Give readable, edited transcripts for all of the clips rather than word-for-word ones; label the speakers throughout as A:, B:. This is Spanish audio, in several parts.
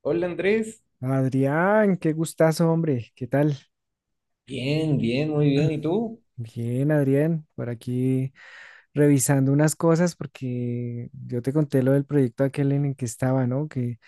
A: Hola Andrés,
B: Adrián, qué gustazo, hombre. ¿Qué tal?
A: bien, bien, muy bien. ¿Y tú?
B: Bien, Adrián, por aquí revisando unas cosas porque yo te conté lo del proyecto aquel en el que estaba, ¿no? Que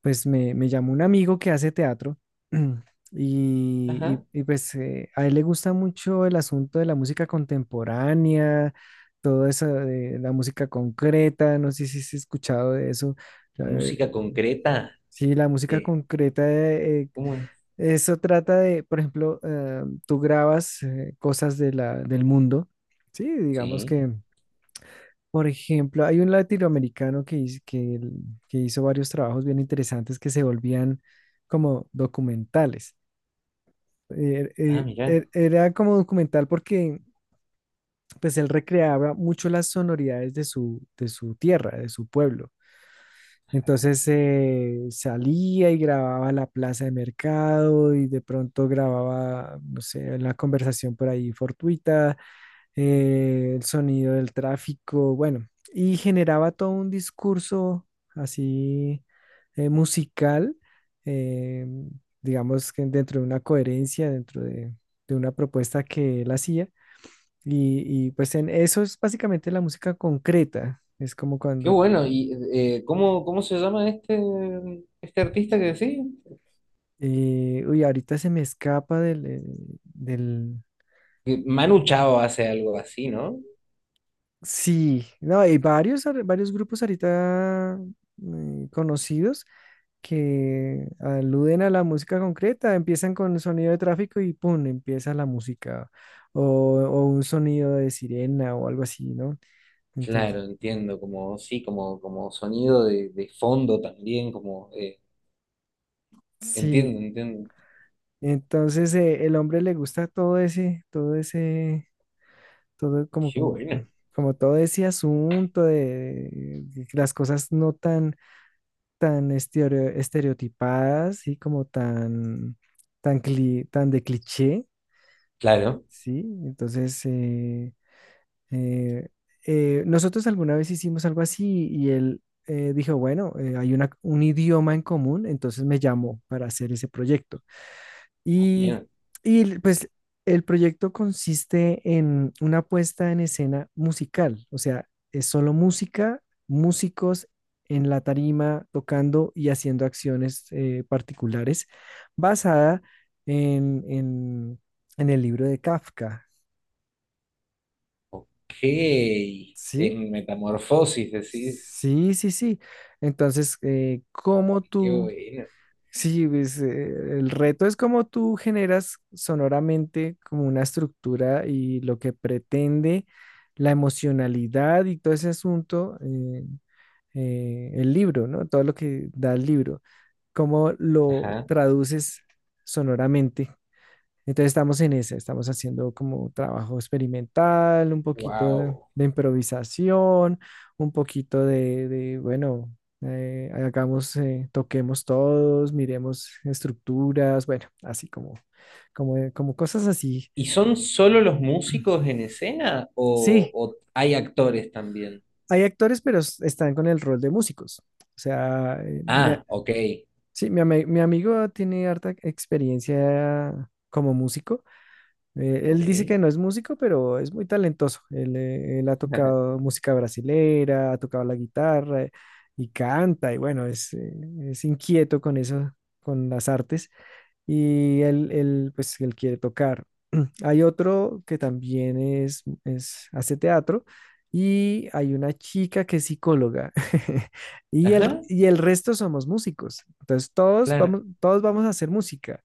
B: pues me llamó un amigo que hace teatro. y,
A: Ajá,
B: y- y, pues eh, a él le gusta mucho el asunto de la música contemporánea, todo eso de la música concreta, no sé si has escuchado de eso. la- eh,
A: música concreta.
B: Sí, la música
A: Sí.
B: concreta.
A: ¿Cómo es?
B: Eso trata de, por ejemplo, tú grabas cosas de la, del mundo, ¿sí? Digamos
A: Sí.
B: que, por ejemplo, hay un latinoamericano que que hizo varios trabajos bien interesantes que se volvían como documentales.
A: Ah, mira,
B: Era como documental porque pues él recreaba mucho las sonoridades de su tierra, de su pueblo. Entonces salía y grababa la plaza de mercado y de pronto grababa, no sé, una conversación por ahí fortuita, el sonido del tráfico, bueno, y generaba todo un discurso así musical, eh, digamos que dentro de una coherencia, dentro de una propuesta que él hacía. Y pues en eso es básicamente la música concreta. Es como
A: qué
B: cuando tú...
A: bueno. ¿Y cómo se llama este artista que decís?
B: Uy, ahorita se me escapa del, del...
A: Que Manu Chao hace algo así, ¿no?
B: Sí, no, hay varios grupos ahorita conocidos que aluden a la música concreta, empiezan con el sonido de tráfico y ¡pum! Empieza la música o, o un sonido de sirena o algo así, ¿no? Entonces,
A: Claro, entiendo, como sí, como sonido de fondo también, como
B: sí,
A: entiendo, entiendo.
B: entonces el hombre, le gusta todo ese, todo ese, todo como,
A: Qué
B: como,
A: bueno.
B: como todo ese asunto de las cosas no tan tan estereotipadas, ¿sí? Como tan, tan de cliché,
A: Claro,
B: ¿sí? Entonces, eh, nosotros alguna vez hicimos algo así y él dijo, bueno, hay una, un idioma en común, entonces me llamó para hacer ese proyecto.
A: a
B: Y,
A: pleno.
B: y pues el proyecto consiste en una puesta en escena musical, o sea, es solo música, músicos en la tarima tocando y haciendo acciones particulares, basada en, en el libro de Kafka,
A: Ok. En
B: ¿sí?
A: metamorfosis decís,
B: Sí, sí, sí. Entonces, ¿cómo
A: qué
B: tú...
A: bueno.
B: Sí, pues, el reto es cómo tú generas sonoramente como una estructura y lo que pretende la emocionalidad y todo ese asunto, el libro, ¿no? Todo lo que da el libro, cómo lo
A: Ajá.
B: traduces sonoramente. Entonces estamos en esa, estamos haciendo como trabajo experimental, un poquito
A: Wow.
B: de improvisación, un poquito de, bueno, hagamos, toquemos todos, miremos estructuras, bueno, así como, como, como cosas así.
A: ¿Y son solo los músicos en escena o,
B: Sí,
A: o hay actores también?
B: hay actores, pero están con el rol de músicos. O sea,
A: Ah, ok,
B: sí, mi amigo tiene harta experiencia como músico.
A: ok.
B: Él dice que no es músico, pero es muy talentoso. Él ha tocado música brasilera, ha tocado la guitarra y canta, y bueno, es inquieto con eso, con las artes, y él, pues, él quiere tocar. Hay otro que también es, hace teatro, y hay una chica que es psicóloga. Y el,
A: Ajá,
B: y el resto somos músicos. Entonces,
A: claro,
B: todos vamos a hacer música,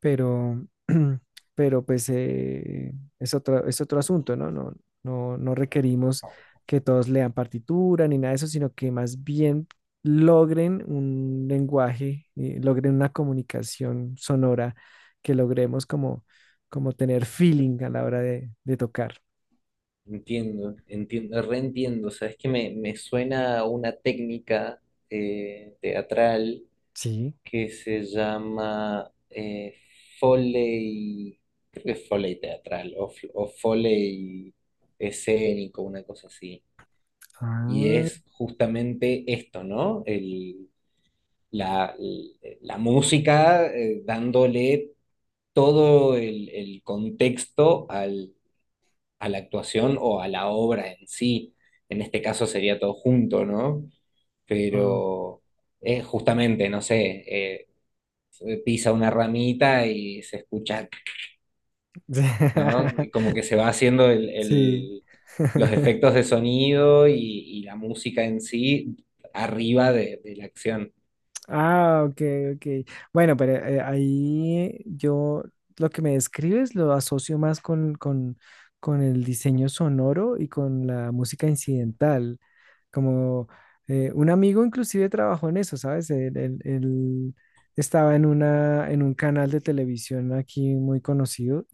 B: pero pero pues es otro asunto, ¿no? No, no, no requerimos que todos lean partitura ni nada de eso, sino que más bien logren un lenguaje, logren una comunicación sonora, que logremos como, como tener feeling a la hora de tocar.
A: entiendo, entiendo, reentiendo. O sea, es que me suena a una técnica teatral
B: Sí.
A: que se llama Foley, creo que es Foley teatral o Foley escénico, una cosa así. Y
B: Ah,
A: es justamente esto, ¿no? la, la música, dándole todo el contexto a la actuación o a la obra en sí. En este caso sería todo junto, ¿no?
B: ah.
A: Pero justamente, no sé, pisa una ramita y se escucha, ¿no? Y como que se va haciendo
B: Sí.
A: los efectos de sonido y la música en sí arriba de la acción,
B: Ah, ok, ok. Bueno, pero ahí yo lo que me describes lo asocio más con el diseño sonoro y con la música incidental. Como un amigo inclusive trabajó en eso, ¿sabes? Él estaba en una, en un canal de televisión aquí muy conocido,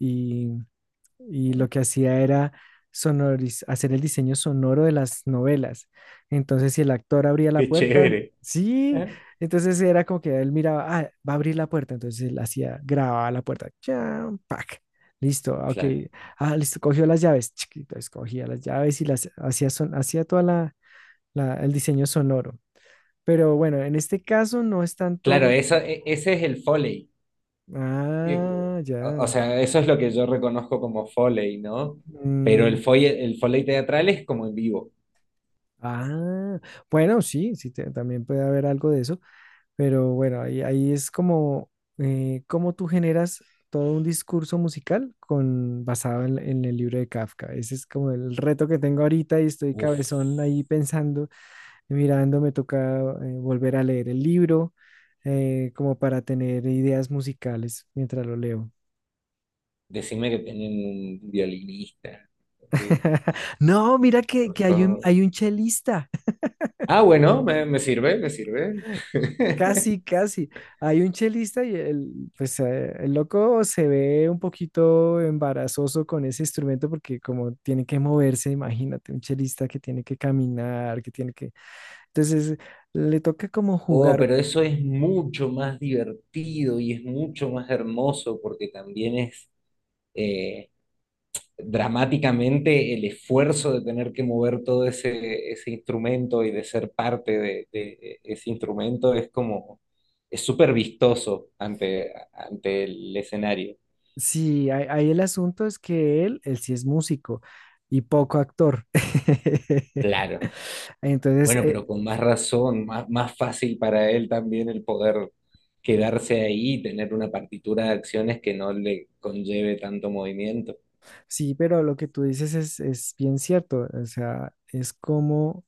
B: y lo
A: ¿no?
B: que hacía era hacer el diseño sonoro de las novelas. Entonces, si el actor abría la
A: Qué
B: puerta,
A: chévere.
B: sí,
A: Ajá.
B: entonces era como que él miraba, ah, va a abrir la puerta, entonces él hacía, grababa la puerta, cham, pac, listo, ok,
A: Claro.
B: ah, listo, cogió las llaves, chiquito, escogía las llaves y las hacía, son, hacía toda la, el diseño sonoro. Pero bueno, en este caso no es
A: Claro,
B: tanto.
A: ese es el Foley. Eh,
B: Ah,
A: o
B: ya.
A: sea, eso es lo que yo reconozco como Foley, ¿no? Pero
B: Mm.
A: El Foley teatral es como en vivo.
B: Ah, bueno, sí, sí, también puede haber algo de eso, pero bueno, ahí, ahí es como cómo tú generas todo un discurso musical con, basado en el libro de Kafka. Ese es como el reto que tengo ahorita y estoy
A: Uf,
B: cabezón ahí pensando, mirando, me toca volver a leer el libro como para tener ideas musicales mientras lo leo.
A: decime que tienen un violinista. Eh,
B: No, mira
A: por
B: que
A: favor.
B: hay un chelista.
A: Ah, bueno, me sirve, me sirve.
B: Casi, casi. Hay un chelista y el, pues, el loco se ve un poquito embarazoso con ese instrumento porque como tiene que moverse, imagínate, un chelista que tiene que caminar, que tiene que... Entonces, le toca como
A: Oh,
B: jugar.
A: pero eso es mucho más divertido y es mucho más hermoso porque también es, eh, dramáticamente el esfuerzo de tener que mover todo ese instrumento y de ser parte de ese instrumento es como, es súper vistoso ante el escenario.
B: Sí, ahí ahí el asunto es que él sí es músico y poco actor.
A: Claro.
B: Entonces,
A: Bueno, pero con más razón, más fácil para él también el poder quedarse ahí y tener una partitura de acciones que no le conlleve tanto movimiento.
B: sí, pero lo que tú dices es bien cierto. O sea, es como...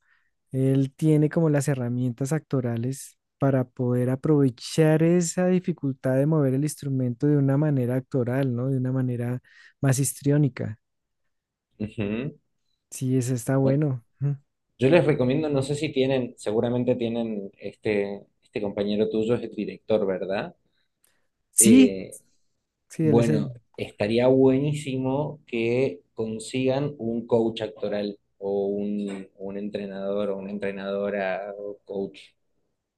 B: Él tiene como las herramientas actorales para poder aprovechar esa dificultad de mover el instrumento de una manera actoral, ¿no? De una manera más histriónica.
A: Ujú.
B: Sí, ese está
A: Bueno,
B: bueno. Ujú.
A: yo les recomiendo, no sé si tienen, seguramente tienen este compañero tuyo es el director, ¿verdad?
B: Sí,
A: Eh,
B: sí, él es
A: bueno,
B: el.
A: estaría buenísimo que consigan un coach actoral o un entrenador o una entrenadora o coach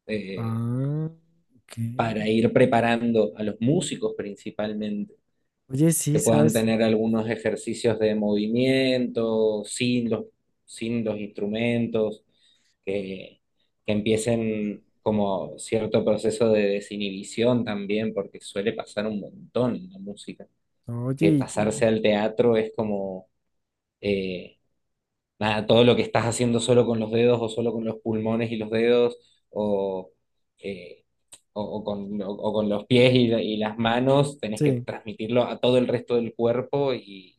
A: eh,
B: Ah, ok.
A: para ir preparando a los músicos principalmente,
B: Oye, sí,
A: que puedan
B: ¿sabes?
A: tener algunos ejercicios de movimiento sin los instrumentos, que, que empiecen como cierto proceso de desinhibición también, porque suele pasar un montón en la música
B: Oye,
A: que pasarse al teatro es como, eh, nada, todo lo que estás haciendo solo con los dedos o solo con los pulmones y los dedos o, eh, o con los pies y las manos, tenés que
B: sí.
A: transmitirlo a todo el resto del cuerpo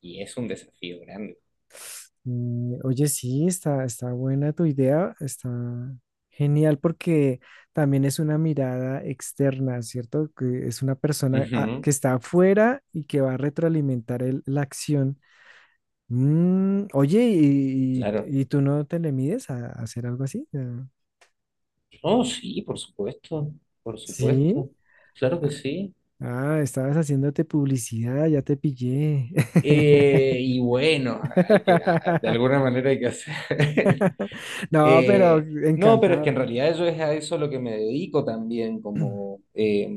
A: y es un desafío grande.
B: Oye, sí, está, está buena tu idea, está genial porque también es una mirada externa, ¿cierto? Que es una persona ah,
A: Ujú,
B: que está afuera y que va a retroalimentar la acción. Mm, oye, ¿y,
A: claro.
B: y tú no te le mides a hacer algo así? Ah,
A: Oh, sí, por
B: sí.
A: supuesto, claro que
B: Ah,
A: sí.
B: ah, estabas haciéndote publicidad, ya te pillé.
A: Y bueno, hay que, de alguna manera hay que hacer.
B: No, pero
A: Eh, no, pero es que
B: encantado.
A: en realidad yo es a eso lo que me dedico también, como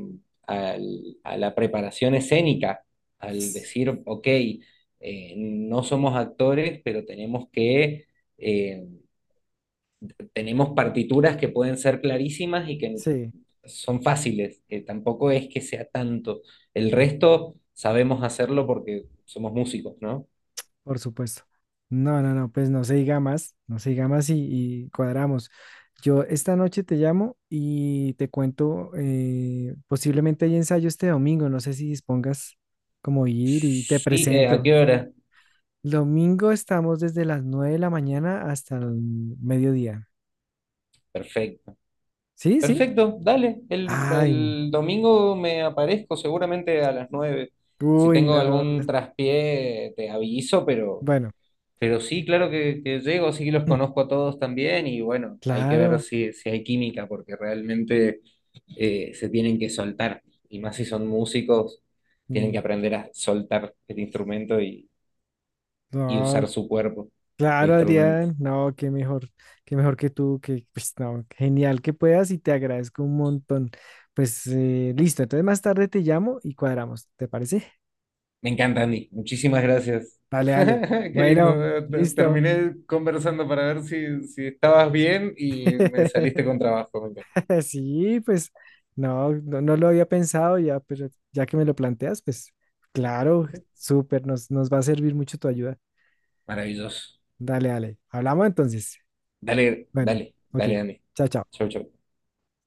A: a la preparación escénica, al decir, ok, no somos actores, pero eh, tenemos partituras que pueden ser clarísimas y que
B: Sí.
A: son fáciles, que tampoco es que sea tanto. El resto sabemos hacerlo porque somos músicos, ¿no?
B: Por supuesto. No, no, no, pues no se diga más, no se diga más, y cuadramos. Yo esta noche te llamo y te cuento, posiblemente hay ensayo este domingo, no sé si dispongas como ir y te
A: Sí, ¿a qué
B: presento.
A: hora?
B: Domingo estamos desde las 9 de la mañana hasta el mediodía.
A: Perfecto.
B: ¿Sí? ¿Sí?
A: Perfecto, dale.
B: Ay,
A: El domingo me aparezco seguramente a las nueve. Si
B: uy,
A: tengo
B: no.
A: algún traspié, te aviso,
B: Bueno,
A: pero sí, claro que llego, sí que los conozco a todos también y bueno, hay que ver
B: claro.
A: si hay química, porque realmente se tienen que soltar. Y más si son músicos, tienen
B: Mm.
A: que aprender a soltar el instrumento y usar
B: No.
A: su cuerpo de
B: Claro,
A: instrumento.
B: Adrián, no, qué mejor que tú, que pues no, genial que puedas y te agradezco un montón. Pues listo, entonces más tarde te llamo y cuadramos, ¿te parece?
A: Me encanta, Andy. Muchísimas gracias.
B: Vale, vale.
A: Qué
B: Bueno,
A: lindo.
B: listo.
A: Terminé conversando para ver si estabas bien y me saliste con trabajo. Me encanta.
B: Sí, pues no, no, no lo había pensado ya, pero ya que me lo planteas, pues claro, súper, nos, nos va a servir mucho tu ayuda.
A: Maravilloso.
B: Dale, dale. Hablamos entonces.
A: Dale,
B: Bueno,
A: dale,
B: ok,
A: dale, Andy.
B: chao, chao.
A: Chau, chau.